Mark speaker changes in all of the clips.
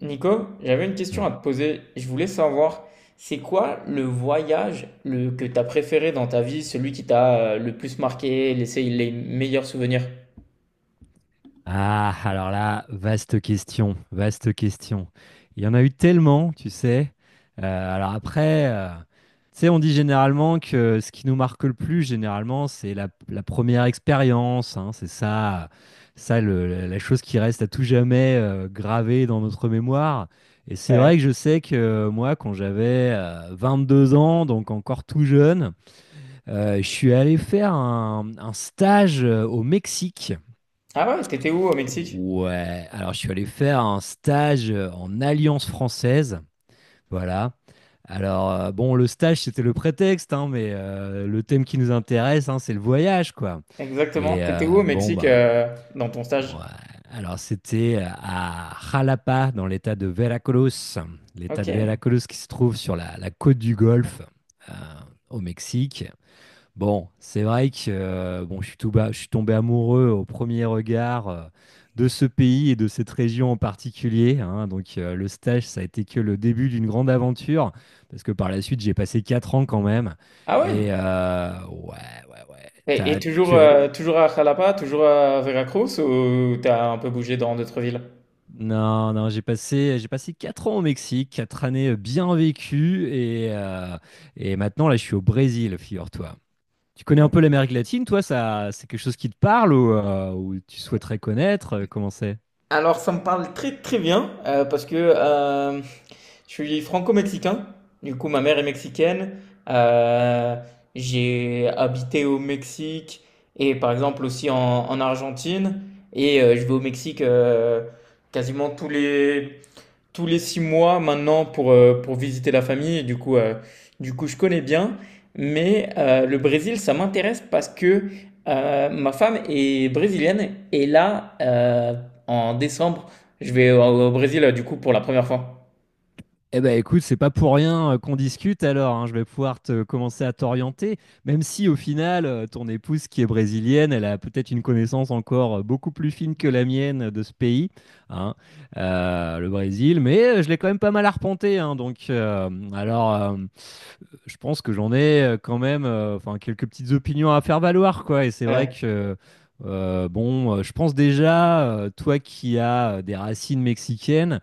Speaker 1: Nico, j'avais une question
Speaker 2: Euh,
Speaker 1: à te poser. Je voulais savoir, c'est quoi le voyage que tu as préféré dans ta vie, celui qui t'a le plus marqué, laissé les meilleurs souvenirs?
Speaker 2: Ah, alors là, vaste question, vaste question. Il y en a eu tellement, tu sais. Alors après, tu sais, on dit généralement que ce qui nous marque le plus, généralement, c'est la première expérience. Hein. C'est ça, ça la chose qui reste à tout jamais, gravée dans notre mémoire. Et c'est vrai
Speaker 1: Ouais.
Speaker 2: que je sais que moi, quand j'avais 2 ans, donc encore tout jeune, je suis allé faire un stage, au Mexique.
Speaker 1: Ah ouais, t'étais où au Mexique?
Speaker 2: Ouais, alors je suis allé faire un stage, en Alliance française. Voilà. Alors, bon, le stage, c'était le prétexte, hein, mais, le thème qui nous intéresse, hein, c'est le voyage, quoi.
Speaker 1: Exactement.
Speaker 2: Et,
Speaker 1: T'étais où au
Speaker 2: bon,
Speaker 1: Mexique
Speaker 2: bah,
Speaker 1: dans ton stage?
Speaker 2: ouais. Alors, c'était, à Jalapa, dans l'état de Veracruz. L'état
Speaker 1: Ok.
Speaker 2: de Veracruz qui se trouve sur la côte du Golfe, euh, au Mexique. Bon, c'est vrai que, bon, je suis tombé amoureux au premier regard, de ce pays et de cette région en particulier. Hein. Donc, le stage, ça a été que le début d'une grande aventure, parce que par la suite, j'ai passé 4 ans quand même.
Speaker 1: Ah ouais.
Speaker 2: Et, ouais, ouais, ouais.
Speaker 1: Et toujours, toujours à Jalapa, toujours à Veracruz ou t'as un peu bougé dans d'autres villes?
Speaker 2: Non, non, j'ai passé 4 ans au Mexique, 4 années , bien vécues, et maintenant là, je suis au Brésil, figure-toi. Tu connais un
Speaker 1: Ouais.
Speaker 2: peu l'Amérique latine, toi, ça, c'est quelque chose qui te parle ou tu souhaiterais connaître? Comment c'est?
Speaker 1: Alors ça me parle très très bien parce que je suis franco-mexicain. Du coup, ma mère est mexicaine. Euh, j'ai habité au Mexique et par exemple aussi en Argentine. Et je vais au Mexique quasiment tous les 6 mois maintenant pour visiter la famille. Et du coup, je connais bien. Mais le Brésil, ça m'intéresse parce que ma femme est brésilienne. Et là, en décembre, je vais au Brésil du coup pour la première fois.
Speaker 2: Eh ben écoute, c'est pas pour rien, qu'on discute alors, hein, je vais pouvoir te commencer à t'orienter, même si au final, ton épouse qui est brésilienne, elle a peut-être une connaissance encore, beaucoup plus fine que la mienne, de ce pays, hein, le Brésil, mais, je l'ai quand même pas mal arpenté, hein, donc, je pense que j'en ai, quand même, enfin, quelques petites opinions à faire valoir, quoi. Et c'est vrai
Speaker 1: Ouais.
Speaker 2: que, bon, je pense déjà, toi qui as des racines mexicaines,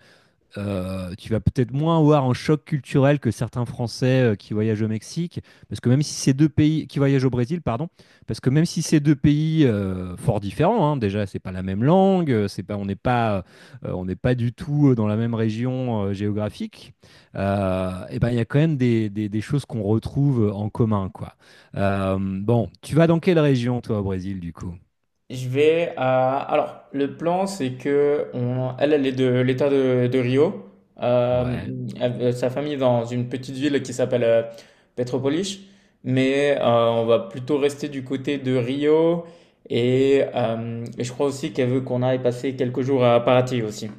Speaker 2: tu vas peut-être moins avoir un choc culturel que certains Français, qui voyagent au Mexique, parce que même si ces deux pays qui voyagent au Brésil, pardon, parce que même si ces deux pays, fort différents, hein, déjà c'est pas la même langue, c'est pas, on n'est pas, on n'est pas du tout, dans la même région, géographique, et ben il y a quand même des choses qu'on retrouve en commun, quoi. Bon, tu vas dans quelle région toi au Brésil du coup?
Speaker 1: Je vais à... Alors, le plan, c'est que on... elle, elle est de l'État de Rio. Euh,
Speaker 2: Ouais.
Speaker 1: sa famille est dans une petite ville qui s'appelle Petropolis. Mais on va plutôt rester du côté de Rio. Et je crois aussi qu'elle veut qu'on aille passer quelques jours à Paraty aussi.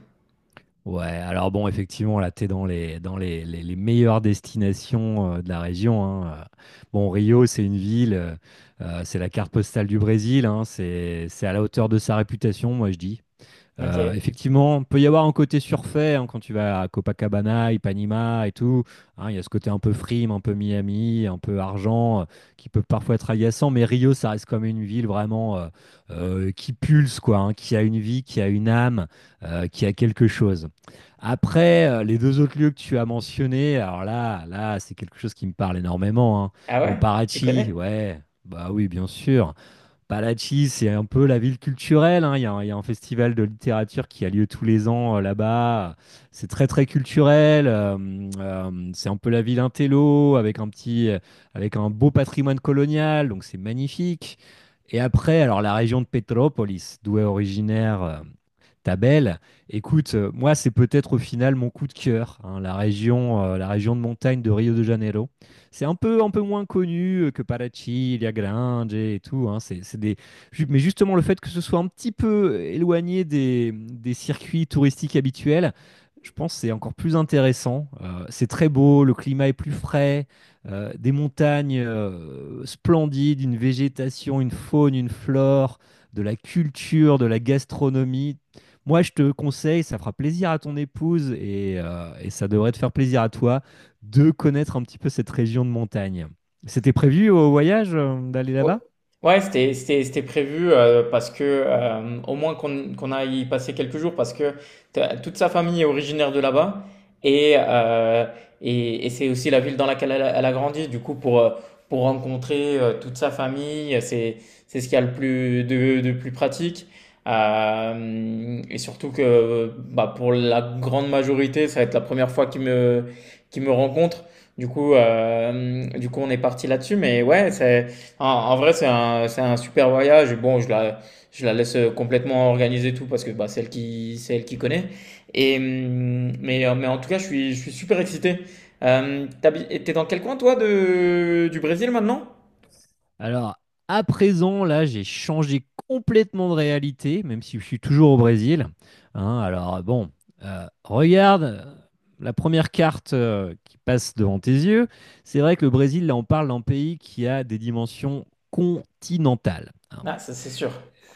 Speaker 2: Ouais, alors bon, effectivement, là, t'es dans les meilleures destinations, de la région. Hein. Bon, Rio, c'est une ville, c'est la carte postale du Brésil, hein, c'est à la hauteur de sa réputation, moi je dis.
Speaker 1: Ok.
Speaker 2: Effectivement, il peut y avoir un côté surfait hein, quand tu vas à Copacabana, Ipanema et tout. Hein, il y a ce côté un peu frime, un peu Miami, un peu argent, qui peut parfois être agaçant. Mais Rio, ça reste comme une ville vraiment, qui pulse, quoi, hein, qui a une vie, qui a une âme, qui a quelque chose. Après, les deux autres lieux que tu as mentionnés, alors là, c'est quelque chose qui me parle énormément. Hein.
Speaker 1: Ah
Speaker 2: Bon,
Speaker 1: ouais? Tu
Speaker 2: Parachi,
Speaker 1: connais?
Speaker 2: ouais, bah oui, bien sûr. Balachi, c'est un peu la ville culturelle. Hein. Il y a un festival de littérature qui a lieu tous les ans, là-bas. C'est très très culturel. C'est un peu la ville intello avec un beau patrimoine colonial. Donc c'est magnifique. Et après, alors la région de Petropolis, d'où est originaire, Tabel. Écoute, moi c'est peut-être au final mon coup de cœur, hein, la région de montagne de Rio de Janeiro. C'est un peu moins connu, que Parachi, Ilha Grande et tout. Hein. Mais justement, le fait que ce soit un petit peu éloigné des circuits touristiques habituels, je pense que c'est encore plus intéressant. C'est très beau, le climat est plus frais, des montagnes, splendides, une végétation, une faune, une flore, de la culture, de la gastronomie. Moi, je te conseille, ça fera plaisir à ton épouse et ça devrait te faire plaisir à toi de connaître un petit peu cette région de montagne. C'était prévu au voyage, d'aller
Speaker 1: Ouais,
Speaker 2: là-bas.
Speaker 1: ouais, c'était prévu parce que au moins qu'on qu'on aille y passer quelques jours parce que t'as- toute sa famille est originaire de là-bas et et c'est aussi la ville dans laquelle elle a grandi. Du coup, pour rencontrer toute sa famille, c'est ce qu'il y a le plus de plus pratique. Et surtout que bah, pour la grande majorité, ça va être la première fois qu'ils me rencontrent. Du coup, on est parti là-dessus. Mais ouais, c'est en, en vrai, c'est c'est un super voyage. Bon, je la laisse complètement organiser tout parce que bah, c'est elle qui connaît. Et, mais en tout cas, je suis super excité. T'es dans quel coin, toi, du Brésil maintenant?
Speaker 2: Alors, à présent, là, j'ai changé complètement de réalité, même si je suis toujours au Brésil. Hein, alors, bon, regarde, la première carte, qui passe devant tes yeux. C'est vrai que le Brésil, là, on parle d'un pays qui a des dimensions continentales. Hein.
Speaker 1: Ah, ça, c'est sûr.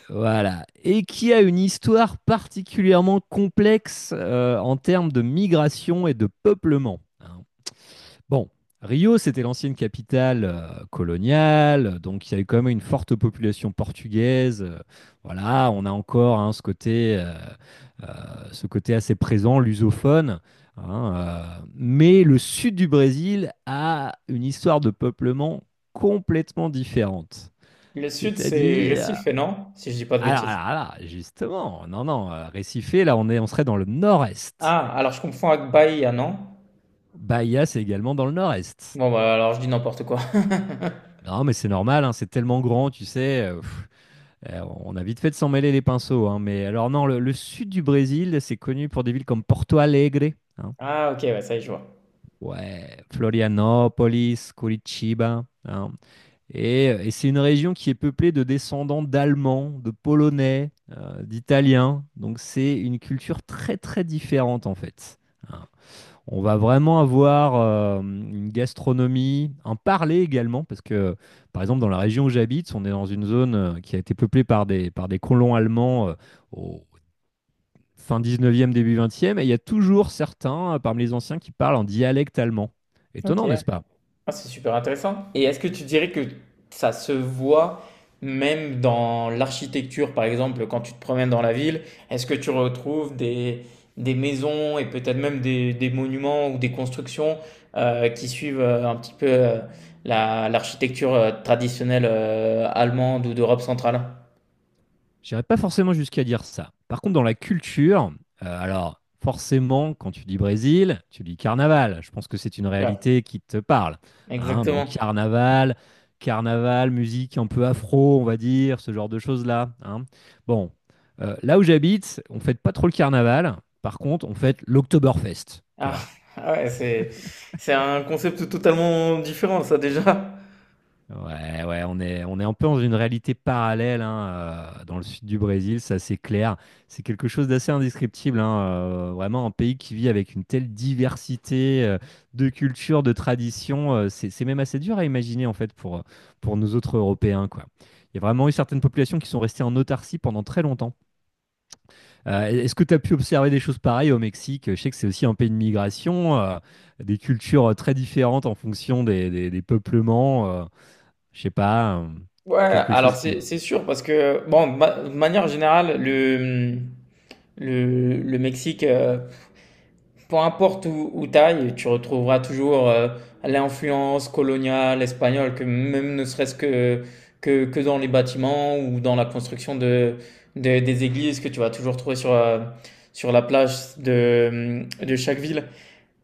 Speaker 2: Voilà. Et qui a une histoire particulièrement complexe, en termes de migration et de peuplement. Hein. Bon, Rio, c'était l'ancienne capitale, coloniale, donc il y a eu quand même une forte population portugaise. Voilà, on a encore hein, ce côté assez présent, lusophone. Hein, mais le sud du Brésil a une histoire de peuplement complètement différente.
Speaker 1: Le sud, c'est
Speaker 2: C'est-à-dire,
Speaker 1: Recife, non? Si je dis pas de
Speaker 2: alors,
Speaker 1: bêtises.
Speaker 2: alors, alors, justement, non, non, Recife, là, on serait dans le nord-est.
Speaker 1: Ah, alors je confonds avec Bahia, non?
Speaker 2: Bahia, c'est également dans le nord-est.
Speaker 1: Bon, bah alors je dis n'importe quoi.
Speaker 2: Non, mais c'est normal, hein, c'est tellement grand, tu sais. On a vite fait de s'en mêler les pinceaux. Hein, mais alors, non, le sud du Brésil, c'est connu pour des villes comme Porto Alegre. Hein,
Speaker 1: Ah, ok, ouais, ça y est, je vois.
Speaker 2: ouais, Florianópolis, Curitiba. Hein, et c'est une région qui est peuplée de descendants d'Allemands, de Polonais, d'Italiens. Donc, c'est une culture très, très différente, en fait. Hein. On va vraiment avoir, une gastronomie, un parler également, parce que, par exemple, dans la région où j'habite, on est dans une zone, qui a été peuplée par des colons allemands, au fin 19e, début 20e, et il y a toujours certains, parmi les anciens qui parlent en dialecte allemand.
Speaker 1: Ok.
Speaker 2: Étonnant, n'est-ce pas?
Speaker 1: Ah, c'est super intéressant. Et est-ce que tu dirais que ça se voit même dans l'architecture, par exemple, quand tu te promènes dans la ville, est-ce que tu retrouves des maisons et peut-être même des monuments ou des constructions qui suivent un petit peu l'architecture traditionnelle allemande ou d'Europe centrale?
Speaker 2: J'irais pas forcément jusqu'à dire ça. Par contre, dans la culture, alors forcément, quand tu dis Brésil, tu dis carnaval. Je pense que c'est une
Speaker 1: Ouais,
Speaker 2: réalité qui te parle. Hein. Donc
Speaker 1: exactement.
Speaker 2: carnaval, musique un peu afro, on va dire, ce genre de choses-là. Hein. Bon, là où j'habite, on fête pas trop le carnaval. Par contre, on fête l'Oktoberfest. Tu
Speaker 1: Ah,
Speaker 2: vois.
Speaker 1: ah ouais, c'est un concept totalement différent, ça déjà.
Speaker 2: Ouais, ouais, on est un peu dans une réalité parallèle hein, dans le sud du Brésil, ça c'est clair. C'est quelque chose d'assez indescriptible, hein, vraiment un pays qui vit avec une telle diversité, de cultures, de traditions, c'est même assez dur à imaginer en fait pour nous autres Européens, quoi. Il y a vraiment eu certaines populations qui sont restées en autarcie pendant très longtemps. Est-ce que tu as pu observer des choses pareilles au Mexique? Je sais que c'est aussi un pays de migration, des cultures, très différentes en fonction des peuplements. Je sais pas,
Speaker 1: Ouais,
Speaker 2: c'est quelque chose
Speaker 1: alors c'est
Speaker 2: qui.
Speaker 1: c'est sûr parce que bon, de manière générale, le Mexique, peu importe où, où t'ailles, tu retrouveras toujours l'influence coloniale espagnole, que même ne serait-ce que, que dans les bâtiments ou dans la construction des églises que tu vas toujours trouver sur sur la plage de chaque ville.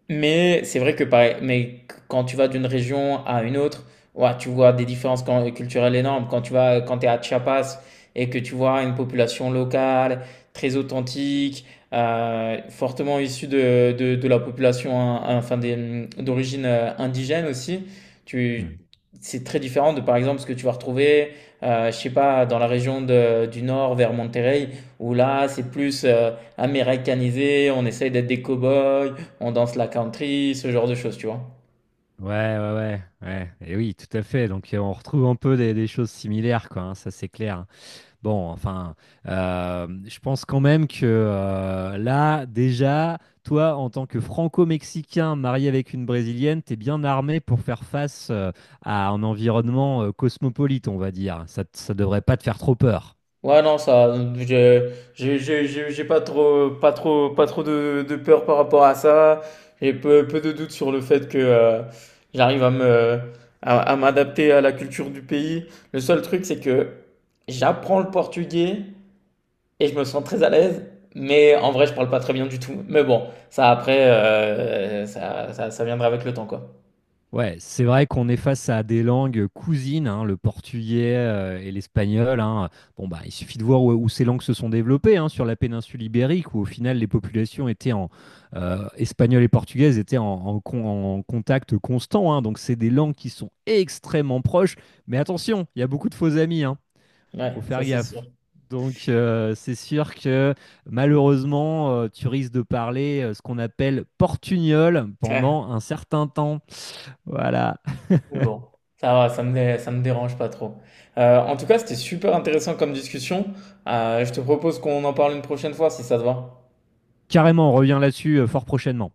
Speaker 1: Mais c'est vrai que pareil, mais quand tu vas d'une région à une autre, ouais, tu vois des différences culturelles énormes. Quand tu vas, quand t'es à Chiapas et que tu vois une population locale très authentique, fortement issue de la population, hein, enfin d'origine indigène aussi,
Speaker 2: Hmm.
Speaker 1: tu, c'est très différent de par exemple ce que tu vas retrouver, je sais pas, dans la région du nord vers Monterrey, où là c'est plus américanisé, on essaye d'être des cow-boys, on danse la country, ce genre de choses, tu vois.
Speaker 2: Ouais, ouais, ouais, ouais. Et oui, tout à fait. Donc, on retrouve un peu des choses similaires, quoi. Hein, ça, c'est clair. Bon, enfin, je pense quand même que, là, déjà, toi, en tant que franco-mexicain marié avec une brésilienne, t'es bien armé pour faire face, à un environnement, cosmopolite, on va dire. Ça, ça devrait pas te faire trop peur.
Speaker 1: Ouais, non, ça, j'ai pas pas trop de peur par rapport à ça. J'ai peu de doutes sur le fait que j'arrive à à m'adapter à la culture du pays. Le seul truc, c'est que j'apprends le portugais et je me sens très à l'aise, mais en vrai, je parle pas très bien du tout. Mais bon, ça après, ça viendra avec le temps, quoi.
Speaker 2: Ouais, c'est vrai qu'on est face à des langues cousines, hein, le portugais, et l'espagnol. Hein. Bon, bah, il suffit de voir où ces langues se sont développées, hein, sur la péninsule ibérique, où au final les populations étaient en espagnol et portugaises étaient en contact constant. Hein. Donc c'est des langues qui sont extrêmement proches. Mais attention, il y a beaucoup de faux amis. Hein. Faut
Speaker 1: Ouais, ça
Speaker 2: faire
Speaker 1: c'est sûr.
Speaker 2: gaffe. Donc, c'est sûr que malheureusement, tu risques de parler, ce qu'on appelle portugnol pendant un certain temps. Voilà.
Speaker 1: Mais bon, ça va, ça me dérange pas trop. En tout cas, c'était super intéressant comme discussion. Je te propose qu'on en parle une prochaine fois si ça te va.
Speaker 2: Carrément, on revient là-dessus, fort prochainement.